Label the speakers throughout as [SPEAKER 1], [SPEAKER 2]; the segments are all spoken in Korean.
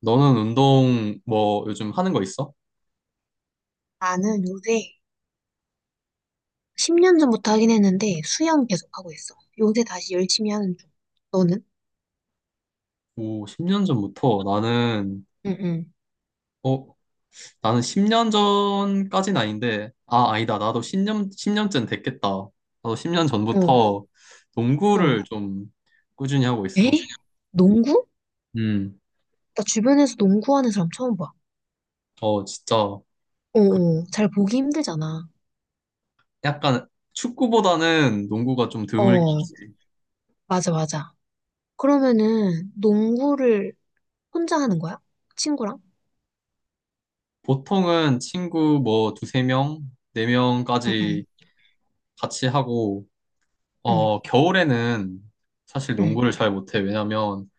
[SPEAKER 1] 너는 운동 뭐 요즘 하는 거 있어?
[SPEAKER 2] 나는 요새 10년 전부터 하긴 했는데 수영 계속 하고 있어. 요새 다시 열심히 하는 중. 너는?
[SPEAKER 1] 오, 10년 전부터 나는,
[SPEAKER 2] 응, 응.
[SPEAKER 1] 어, 나는 10년 전까진 아닌데, 아, 아니다. 나도 십 년쯤 됐겠다. 나도 10년
[SPEAKER 2] 어,
[SPEAKER 1] 전부터
[SPEAKER 2] 어.
[SPEAKER 1] 농구를 좀 꾸준히 하고
[SPEAKER 2] 에?
[SPEAKER 1] 있어.
[SPEAKER 2] 농구?
[SPEAKER 1] 음,
[SPEAKER 2] 나 주변에서 농구하는 사람 처음 봐.
[SPEAKER 1] 진짜,
[SPEAKER 2] 어,
[SPEAKER 1] 그,
[SPEAKER 2] 어. 잘 보기 힘들잖아.
[SPEAKER 1] 약간 축구보다는 농구가 좀 드물게.
[SPEAKER 2] 어, 맞아, 맞아. 그러면은 농구를 혼자 하는 거야? 친구랑?
[SPEAKER 1] 보통은 친구 뭐 두세 명, 네
[SPEAKER 2] 응,
[SPEAKER 1] 명까지
[SPEAKER 2] 응,
[SPEAKER 1] 같이 하고,
[SPEAKER 2] 응,
[SPEAKER 1] 겨울에는 사실
[SPEAKER 2] 응,
[SPEAKER 1] 농구를 잘 못해. 왜냐면,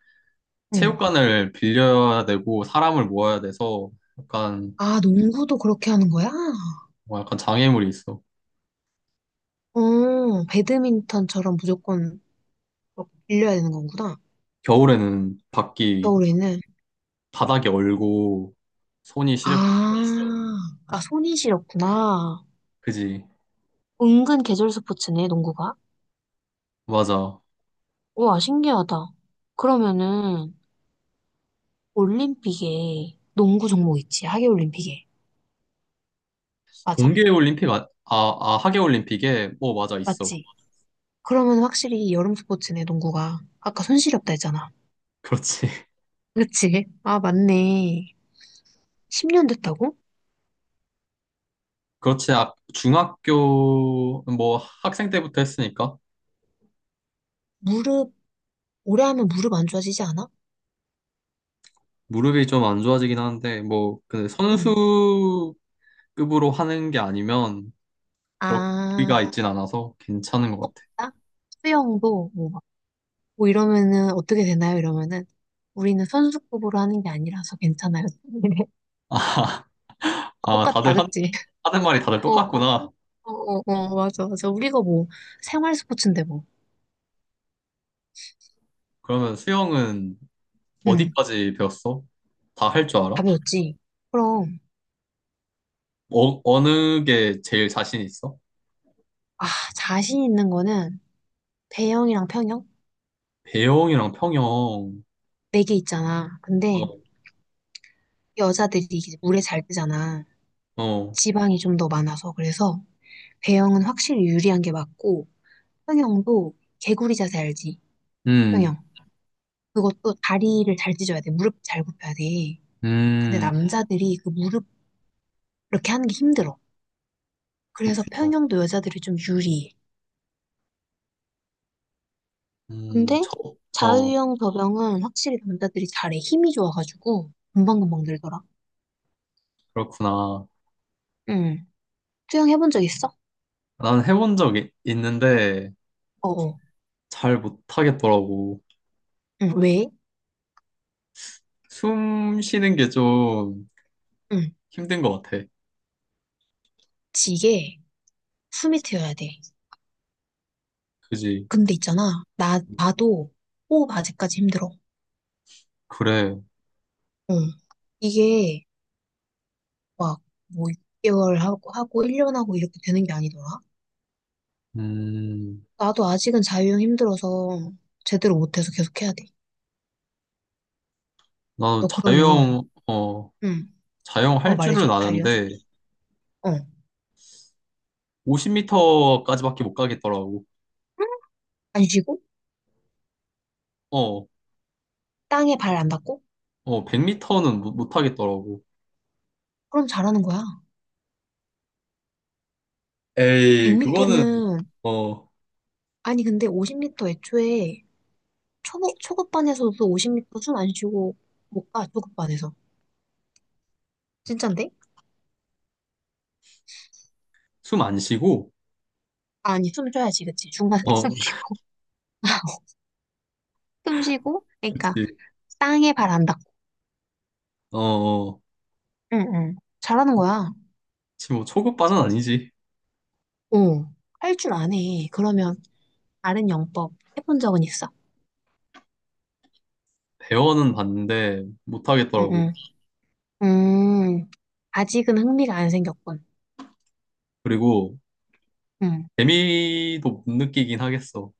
[SPEAKER 2] 응.
[SPEAKER 1] 체육관을 빌려야 되고 사람을 모아야 돼서 약간
[SPEAKER 2] 아, 농구도 그렇게 하는 거야?
[SPEAKER 1] 뭐 약간 장애물이 있어.
[SPEAKER 2] 어, 배드민턴처럼 무조건 빌려야 되는 거구나.
[SPEAKER 1] 겨울에는 밖이
[SPEAKER 2] 겨울에는.
[SPEAKER 1] 바닥이 얼고 손이
[SPEAKER 2] 아,
[SPEAKER 1] 시렵고 그러니까.
[SPEAKER 2] 아, 손이 시렸구나.
[SPEAKER 1] 그지
[SPEAKER 2] 은근 계절 스포츠네, 농구가.
[SPEAKER 1] 맞아.
[SPEAKER 2] 우와, 신기하다. 그러면은, 올림픽에 농구 종목 있지, 하계올림픽에. 맞아?
[SPEAKER 1] 동계 올림픽 아, 아, 아 하계 올림픽에 뭐 맞아 있어.
[SPEAKER 2] 맞지? 그러면 확실히 여름 스포츠네, 농구가. 아까 손 시렵다 했잖아.
[SPEAKER 1] 그렇지.
[SPEAKER 2] 그치? 아, 맞네. 10년 됐다고?
[SPEAKER 1] 그렇지. 아, 중학교 뭐 학생 때부터 했으니까
[SPEAKER 2] 무릎, 오래 하면 무릎 안 좋아지지 않아?
[SPEAKER 1] 무릎이 좀 안 좋아지긴 하는데 뭐 그
[SPEAKER 2] 응.
[SPEAKER 1] 선수급으로 하는 게 아니면 그렇게
[SPEAKER 2] 아,
[SPEAKER 1] 가 있진 않아서 괜찮은 것 같아.
[SPEAKER 2] 아, 수영도 뭐 뭐 이러면은 어떻게 되나요? 이러면은 우리는 선수급으로 하는 게 아니라서 괜찮아요. 아,
[SPEAKER 1] 아,
[SPEAKER 2] 똑같다,
[SPEAKER 1] 다들
[SPEAKER 2] 그치?
[SPEAKER 1] 하는 말이 다들
[SPEAKER 2] 어, 어,
[SPEAKER 1] 똑같구나.
[SPEAKER 2] 어, 어, 맞아, 맞아. 우리가 뭐 생활 스포츠인데 뭐.
[SPEAKER 1] 그러면 수영은
[SPEAKER 2] 응,
[SPEAKER 1] 어디까지 배웠어? 다 할 줄 알아?
[SPEAKER 2] 답이 없지. 그럼,
[SPEAKER 1] 어느 게 제일 자신 있어?
[SPEAKER 2] 아, 자신 있는 거는 배영이랑 평영?
[SPEAKER 1] 배영이랑 평영.
[SPEAKER 2] 네 개 있잖아. 근데
[SPEAKER 1] 어,
[SPEAKER 2] 여자들이 이제 물에 잘 뜨잖아.
[SPEAKER 1] 어.
[SPEAKER 2] 지방이 좀 더 많아서. 그래서 배영은 확실히 유리한 게 맞고, 평영도 개구리 자세 알지?
[SPEAKER 1] 음,
[SPEAKER 2] 평영. 그것도 다리를 잘 찢어야 돼. 무릎 잘 굽혀야 돼. 근데
[SPEAKER 1] 음,
[SPEAKER 2] 남자들이 그 무릎 이렇게 하는 게 힘들어. 그래서
[SPEAKER 1] 그렇구나.
[SPEAKER 2] 평형도 여자들이 좀 유리해.
[SPEAKER 1] 음,
[SPEAKER 2] 근데
[SPEAKER 1] 저, 어,
[SPEAKER 2] 자유형, 접영은 확실히 남자들이 잘해. 힘이 좋아가지고 금방금방 늘더라.
[SPEAKER 1] 그렇구나.
[SPEAKER 2] 응. 수영 해본 적 있어?
[SPEAKER 1] 난 해본 적이 있는데
[SPEAKER 2] 어어.
[SPEAKER 1] 잘 못하겠더라고.
[SPEAKER 2] 응. 왜?
[SPEAKER 1] 숨 쉬는 게 좀
[SPEAKER 2] 응.
[SPEAKER 1] 힘든 것 같아.
[SPEAKER 2] 지게 숨이 트여야 돼.
[SPEAKER 1] 그지?
[SPEAKER 2] 근데 있잖아. 나도 호흡 아직까지 힘들어.
[SPEAKER 1] 그래.
[SPEAKER 2] 응. 이게 막뭐 6개월 하고 1년 하고 이렇게 되는 게 아니더라.
[SPEAKER 1] 음,
[SPEAKER 2] 나도 아직은 자유형 힘들어서 제대로 못해서 계속 해야 돼.
[SPEAKER 1] 나는
[SPEAKER 2] 너 그러면,
[SPEAKER 1] 자유형, 어.
[SPEAKER 2] 응. 어,
[SPEAKER 1] 자영할
[SPEAKER 2] 말해줘,
[SPEAKER 1] 줄은
[SPEAKER 2] 타이어.
[SPEAKER 1] 아는데
[SPEAKER 2] 어.
[SPEAKER 1] 50m까지밖에 못 가겠더라고.
[SPEAKER 2] 안 쉬고,
[SPEAKER 1] 어,
[SPEAKER 2] 땅에 발 안 닿고,
[SPEAKER 1] 100m는 못 하겠더라고.
[SPEAKER 2] 그럼 잘하는 거야.
[SPEAKER 1] 에이, 그거는
[SPEAKER 2] 100m는,
[SPEAKER 1] 어,
[SPEAKER 2] 아니, 근데 50m 애초에 초급, 초급반에서도 50m 숨 안 쉬고 못 가, 초급반에서. 진짠데?
[SPEAKER 1] 숨 안 쉬고
[SPEAKER 2] 아니, 숨 쉬어야지, 그치? 중간에
[SPEAKER 1] 어,
[SPEAKER 2] 숨 쉬고. 숨 쉬고, 그러니까,
[SPEAKER 1] 그렇지.
[SPEAKER 2] 땅에 발 안 닿고.
[SPEAKER 1] 어, 어.
[SPEAKER 2] 응, 응. 잘하는 거야.
[SPEAKER 1] 지금 뭐 초급반은 아니지.
[SPEAKER 2] 어. 할 줄 아네. 그러면, 다른 영법 해본 적은 있어.
[SPEAKER 1] 대원은 봤는데 못
[SPEAKER 2] 응,
[SPEAKER 1] 하겠더라고.
[SPEAKER 2] 응. 음, 아직은 흥미가 안 생겼군.
[SPEAKER 1] 그리고
[SPEAKER 2] 응.
[SPEAKER 1] 재미도 못 느끼긴 하겠어.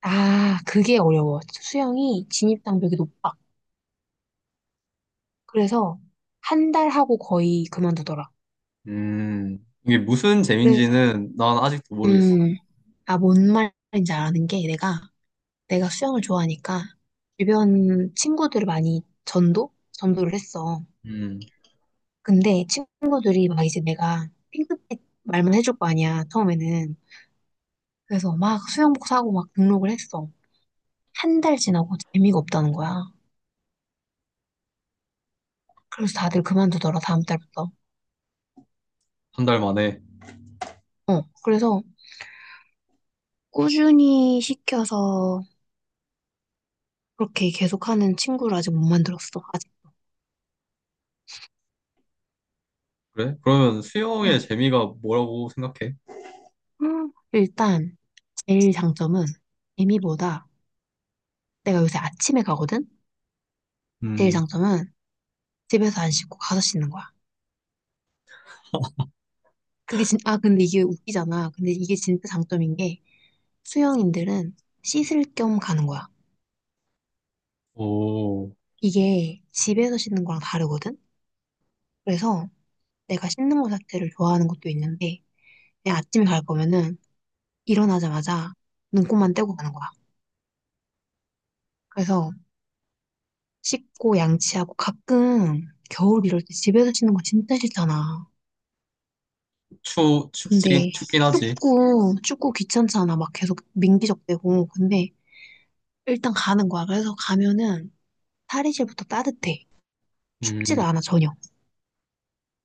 [SPEAKER 2] 아, 그게 어려워. 수영이 진입 장벽이 높아. 그래서 한 달 하고 거의 그만두더라.
[SPEAKER 1] 이게 무슨
[SPEAKER 2] 그래서
[SPEAKER 1] 재미인지는 난 아직도 모르겠어.
[SPEAKER 2] 음, 아, 뭔 말인지 아는 게 내가 수영을 좋아하니까 주변 친구들을 많이 전도를 했어.
[SPEAKER 1] 음,
[SPEAKER 2] 근데 친구들이 막 이제 내가 핑크빛 말만 해줄 거 아니야 처음에는. 그래서 막 수영복 사고 막 등록을 했어. 한 달 지나고 재미가 없다는 거야. 그래서 다들 그만두더라 다음 달부터.
[SPEAKER 1] 한 달 만에.
[SPEAKER 2] 어, 그래서 꾸준히 시켜서 그렇게 계속하는 친구를 아직 못 만들었어. 아직.
[SPEAKER 1] 그래? 그러면 수영의
[SPEAKER 2] 응.
[SPEAKER 1] 재미가 뭐라고 생각해?
[SPEAKER 2] 일단 제일 장점은 재미보다 내가 요새 아침에 가거든? 제일
[SPEAKER 1] 음,
[SPEAKER 2] 장점은 집에서 안 씻고 가서 씻는 거야. 그게 진, 아, 근데 이게 웃기잖아. 근데 이게 진짜 장점인 게 수영인들은 씻을 겸 가는 거야.
[SPEAKER 1] 오.
[SPEAKER 2] 이게 집에서 씻는 거랑 다르거든? 그래서 내가 씻는 거 자체를 좋아하는 것도 있는데 그냥 아침에 갈 거면은 일어나자마자 눈곱만 떼고 가는 거야. 그래서 씻고 양치하고 가끔 겨울 이럴 때 집에서 씻는 거 진짜 싫잖아.
[SPEAKER 1] 춥긴,
[SPEAKER 2] 근데
[SPEAKER 1] 춥긴 하지.
[SPEAKER 2] 춥고 춥고 귀찮잖아. 막 계속 민기적대고. 근데 일단 가는 거야. 그래서 가면은 탈의실부터 따뜻해.
[SPEAKER 1] 음,
[SPEAKER 2] 춥지가 않아 전혀.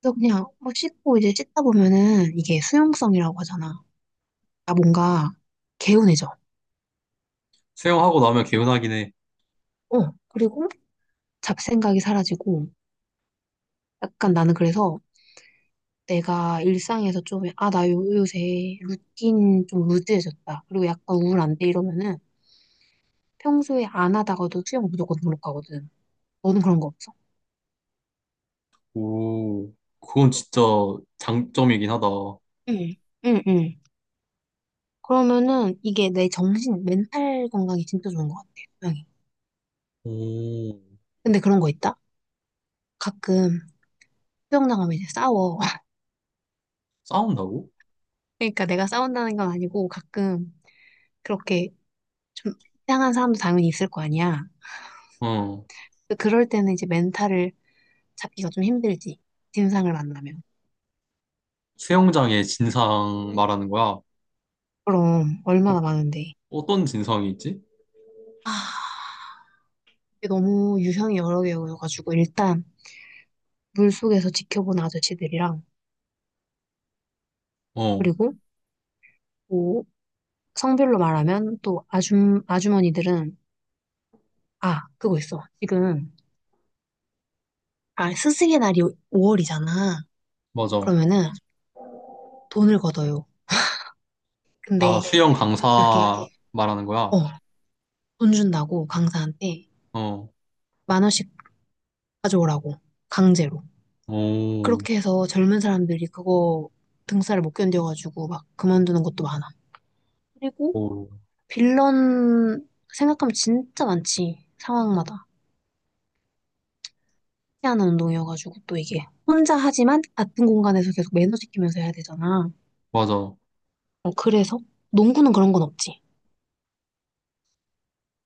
[SPEAKER 2] 그래서 그냥 막 씻고 이제 씻다 보면은 이게 수용성이라고 하잖아. 나 뭔가 개운해져.
[SPEAKER 1] 수영하고 나면 개운하긴 해.
[SPEAKER 2] 어. 그리고 잡생각이 사라지고 약간 나는 그래서 내가 일상에서 좀, 아, 나 요새 루틴 좀 루즈해졌다. 그리고 약간 우울한데 이러면은 평소에 안 하다가도 수영 무조건 등록하거든. 너는 그런 거 없어?
[SPEAKER 1] 오, 그건 진짜 장점이긴 하다.
[SPEAKER 2] 응, 응, 응. 그러면은 이게 내 정신, 멘탈 건강이 진짜 좋은 것 같아, 수영이.
[SPEAKER 1] 오,
[SPEAKER 2] 근데 그런 거 있다? 가끔 수영장 가면 이제 싸워.
[SPEAKER 1] 싸운다고?
[SPEAKER 2] 그러니까 내가 싸운다는 건 아니고 가끔 그렇게 좀 이상한 사람도 당연히 있을 거 아니야.
[SPEAKER 1] 어,
[SPEAKER 2] 그럴 때는 이제 멘탈을 잡기가 좀 힘들지. 진상을 만나면.
[SPEAKER 1] 수영장의 진상 말하는 거야.
[SPEAKER 2] 그럼 얼마나 많은데.
[SPEAKER 1] 어떤 진상이 있지?
[SPEAKER 2] 아, 이게 너무 유형이 여러 개여가지고 일단 물속에서 지켜본 아저씨들이랑
[SPEAKER 1] 어,
[SPEAKER 2] 그리고 뭐 성별로 말하면 또 아줌 아주머니들은 아 그거 있어. 지금 아 스승의 날이 5월이잖아.
[SPEAKER 1] 맞아.
[SPEAKER 2] 그러면은 돈을 걷어요.
[SPEAKER 1] 아,
[SPEAKER 2] 근데
[SPEAKER 1] 수영
[SPEAKER 2] 이렇게
[SPEAKER 1] 강사 말하는 거야.
[SPEAKER 2] 어 돈 준다고 강사한테
[SPEAKER 1] 어,
[SPEAKER 2] 1만 원씩 가져오라고 강제로.
[SPEAKER 1] 오,
[SPEAKER 2] 그렇게 해서 젊은 사람들이 그거 등쌀을 못 견뎌가지고 막 그만두는 것도 많아. 그리고
[SPEAKER 1] 오,
[SPEAKER 2] 빌런 생각하면 진짜 많지. 상황마다. 희한한 운동이어가지고 또 이게 혼자 하지만 같은 공간에서 계속 매너 지키면서 해야 되잖아.
[SPEAKER 1] 맞아.
[SPEAKER 2] 어, 그래서 농구는 그런 건 없지.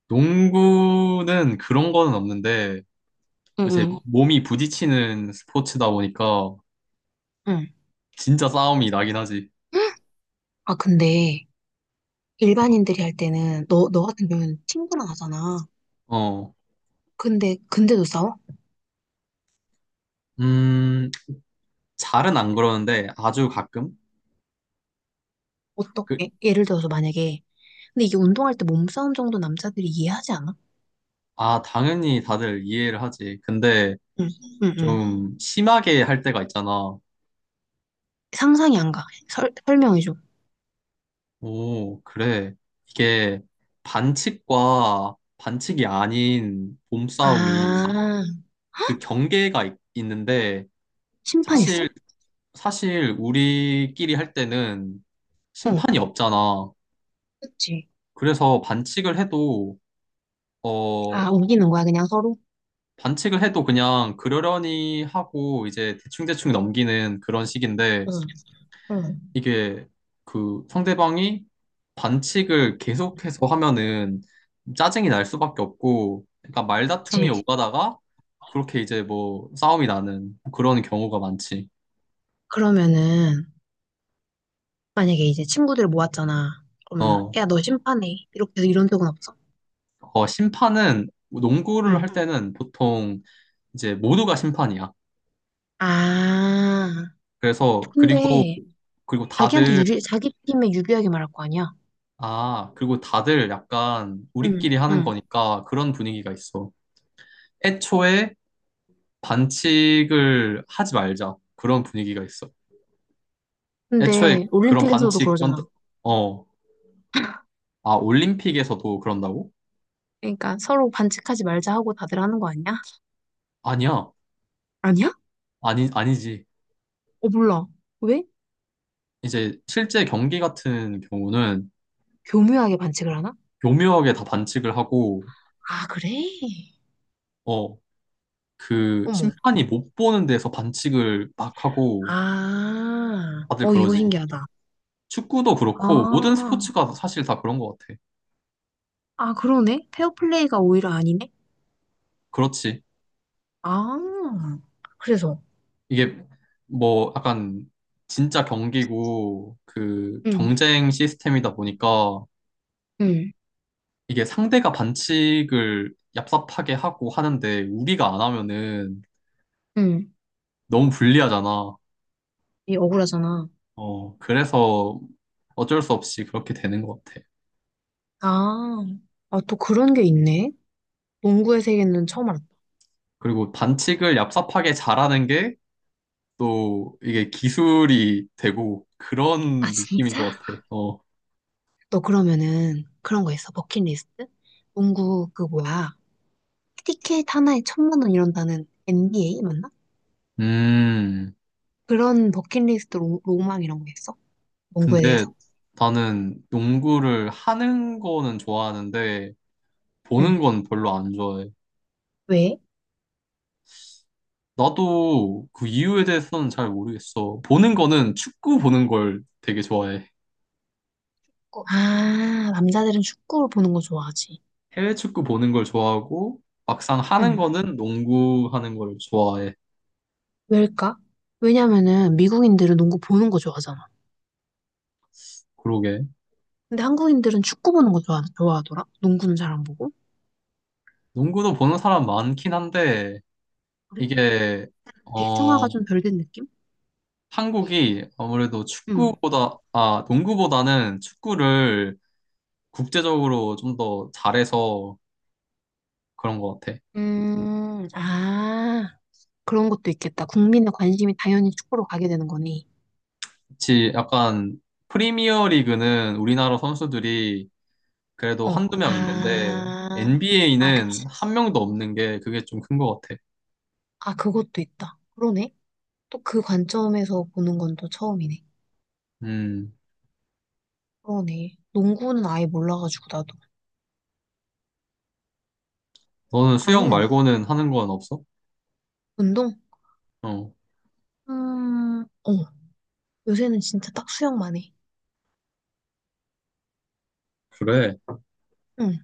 [SPEAKER 1] 농구는 그런 거는 없는데, 이제
[SPEAKER 2] 응응.
[SPEAKER 1] 몸이 부딪히는 스포츠다 보니까
[SPEAKER 2] 응.
[SPEAKER 1] 진짜 싸움이 나긴 하지.
[SPEAKER 2] 응. 아 근데 일반인들이 할 때는 너 같은 경우는 친구랑 하잖아.
[SPEAKER 1] 어,
[SPEAKER 2] 근데 근데도 싸워?
[SPEAKER 1] 음, 잘은 안 그러는데 아주 가끔? 그,
[SPEAKER 2] 어떻게? 예를 들어서 만약에 근데 이게 운동할 때 몸싸움 정도 남자들이 이해하지 않아?
[SPEAKER 1] 당연히 다들 이해를 하지. 근데
[SPEAKER 2] 응. 응. 응.
[SPEAKER 1] 좀 심하게 할 때가 있잖아.
[SPEAKER 2] 상상이 안 가. 설명해줘.
[SPEAKER 1] 오, 그래. 이게 반칙과 반칙이 아닌 몸싸움이
[SPEAKER 2] 아,
[SPEAKER 1] 그 경계가 있는데
[SPEAKER 2] 심판 있어?
[SPEAKER 1] 사실, 사실 우리끼리 할 때는
[SPEAKER 2] 어.
[SPEAKER 1] 심판이 없잖아.
[SPEAKER 2] 그치?
[SPEAKER 1] 그래서 어,
[SPEAKER 2] 아, 우기는 거야, 그냥 서로?
[SPEAKER 1] 반칙을 해도 그냥 그러려니 하고 이제 대충대충 넘기는 그런 식인데
[SPEAKER 2] 응, 응.
[SPEAKER 1] 이게 그 상대방이 반칙을 계속해서 하면은 짜증이 날 수밖에 없고 그러니까 말다툼이
[SPEAKER 2] 그치?
[SPEAKER 1] 오가다가 그렇게 이제 뭐 싸움이 나는 그런 경우가 많지.
[SPEAKER 2] 그러면은, 만약에 이제 친구들 모았잖아. 그러면은,
[SPEAKER 1] 어,
[SPEAKER 2] 야, 너 심판해. 이렇게 해서 이런 적은 없어?
[SPEAKER 1] 심판은 농구를 할
[SPEAKER 2] 응.
[SPEAKER 1] 때는 보통 이제 모두가 심판이야.
[SPEAKER 2] 아,
[SPEAKER 1] 그래서 그리고
[SPEAKER 2] 근데,
[SPEAKER 1] 그리고
[SPEAKER 2] 자기한테
[SPEAKER 1] 다들
[SPEAKER 2] 유리, 자기 팀에 유리하게 말할 거 아니야?
[SPEAKER 1] 아, 그리고 다들 약간
[SPEAKER 2] 응.
[SPEAKER 1] 우리끼리 하는
[SPEAKER 2] 응.
[SPEAKER 1] 거니까 그런 분위기가 있어. 애초에 반칙을 하지 말자. 그런 분위기가 있어. 애초에
[SPEAKER 2] 근데,
[SPEAKER 1] 그런
[SPEAKER 2] 올림픽에서도
[SPEAKER 1] 반칙,
[SPEAKER 2] 그러잖아.
[SPEAKER 1] 어, 올림픽에서도 그런다고?
[SPEAKER 2] 그러니까, 서로 반칙하지 말자 하고 다들 하는 거 아니야?
[SPEAKER 1] 아니야.
[SPEAKER 2] 아니야?
[SPEAKER 1] 아니, 아니지.
[SPEAKER 2] 어, 몰라. 왜?
[SPEAKER 1] 이제 실제 경기 같은 경우는
[SPEAKER 2] 교묘하게 반칙을 하나?
[SPEAKER 1] 교묘하게 다 반칙을 하고,
[SPEAKER 2] 아, 그래?
[SPEAKER 1] 어, 그
[SPEAKER 2] 어머.
[SPEAKER 1] 심판이 못 보는 데서 반칙을 막 하고
[SPEAKER 2] 아,
[SPEAKER 1] 다들
[SPEAKER 2] 어, 이거
[SPEAKER 1] 그러지. 어,
[SPEAKER 2] 신기하다.
[SPEAKER 1] 축구도 그렇고 모든
[SPEAKER 2] 아,
[SPEAKER 1] 스포츠가 사실 다 그런 것 같아.
[SPEAKER 2] 아, 그러네. 페어플레이가 오히려 아니네.
[SPEAKER 1] 그렇지.
[SPEAKER 2] 아, 그래서
[SPEAKER 1] 이게 뭐 약간 진짜 경기고 그
[SPEAKER 2] 응,
[SPEAKER 1] 경쟁 시스템이다 보니까
[SPEAKER 2] 응,
[SPEAKER 1] 이게 상대가 반칙을 얍삽하게 하고 하는데 우리가 안 하면은
[SPEAKER 2] 응.
[SPEAKER 1] 너무 불리하잖아.
[SPEAKER 2] 이 억울하잖아.
[SPEAKER 1] 어, 그래서 어쩔 수 없이 그렇게 되는 것 같아.
[SPEAKER 2] 아, 아, 또 그런 게 있네. 농구의 세계는 처음 알았다.
[SPEAKER 1] 그리고 반칙을 얍삽하게 잘하는 게 또 이게 기술이 되고
[SPEAKER 2] 아
[SPEAKER 1] 그런 느낌인
[SPEAKER 2] 진짜?
[SPEAKER 1] 것 같아. 어.
[SPEAKER 2] 너 그러면은 그런 거 있어. 버킷리스트? 농구 그 뭐야. 티켓 하나에 1,000만 원 이런다는 NBA 맞나?
[SPEAKER 1] 음.
[SPEAKER 2] 그런 버킷리스트 로망 이런 거 있어? 농구에
[SPEAKER 1] 근데
[SPEAKER 2] 대해서?
[SPEAKER 1] 나는 농구를 하는 거는 좋아하는데 보는
[SPEAKER 2] 응.
[SPEAKER 1] 건 별로 안 좋아해.
[SPEAKER 2] 왜?
[SPEAKER 1] 나도 그 이유에 대해서는 잘 모르겠어. 보는 거는 축구 보는 걸 되게 좋아해.
[SPEAKER 2] 어, 아, 남자들은 축구를 보는 거 좋아하지.
[SPEAKER 1] 해외 축구 보는 걸 좋아하고 막상 하는 거는 농구 하는 걸 좋아해.
[SPEAKER 2] 왜일까? 왜냐면은 미국인들은 농구 보는 거 좋아하잖아.
[SPEAKER 1] 그러게.
[SPEAKER 2] 근데 한국인들은 축구 보는 거 좋아, 좋아하더라. 농구는 잘 안 보고.
[SPEAKER 1] 농구도 보는 사람 많긴 한데
[SPEAKER 2] 그래?
[SPEAKER 1] 이게 어
[SPEAKER 2] 대중화가 좀 덜 된 느낌?
[SPEAKER 1] 한국이 아무래도
[SPEAKER 2] 음.
[SPEAKER 1] 축구보다 아 농구보다는 축구를 국제적으로 좀 더 잘해서 그런 것 같아.
[SPEAKER 2] 아, 그런 것도 있겠다. 국민의 관심이 당연히 축구로 가게 되는 거니.
[SPEAKER 1] 그치, 약간 프리미어 리그는 우리나라 선수들이 그래도
[SPEAKER 2] 어,
[SPEAKER 1] 한두 명 있는데
[SPEAKER 2] 아, 아, 그치.
[SPEAKER 1] NBA는 한 명도 없는 게 그게 좀 큰 것 같아.
[SPEAKER 2] 아, 그것도 있다. 그러네. 또 그 관점에서 보는 건 또 처음이네.
[SPEAKER 1] 음,
[SPEAKER 2] 그러네. 농구는 아예 몰라가지고, 나도.
[SPEAKER 1] 너는 수영
[SPEAKER 2] 나는
[SPEAKER 1] 말고는 하는 건 없어?
[SPEAKER 2] 운동?
[SPEAKER 1] 어,
[SPEAKER 2] 어, 요새는 진짜 딱 수영만 해.
[SPEAKER 1] 그래.
[SPEAKER 2] 응.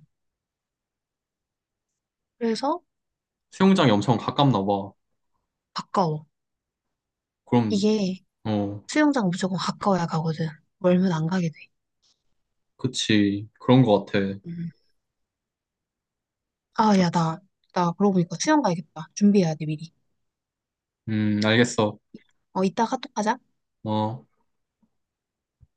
[SPEAKER 2] 그래서
[SPEAKER 1] 수영장이 엄청 가깝나 봐.
[SPEAKER 2] 가까워.
[SPEAKER 1] 그럼,
[SPEAKER 2] 이게
[SPEAKER 1] 어,
[SPEAKER 2] 수영장 무조건 가까워야 가거든. 멀면 안 가게 돼.
[SPEAKER 1] 그치. 그런 것 같아.
[SPEAKER 2] 음. 아, 야, 나, 나 그러고 보니까 수영 가야겠다. 준비해야 돼, 미리.
[SPEAKER 1] 알겠어.
[SPEAKER 2] 어, 이따가 또하자
[SPEAKER 1] 어.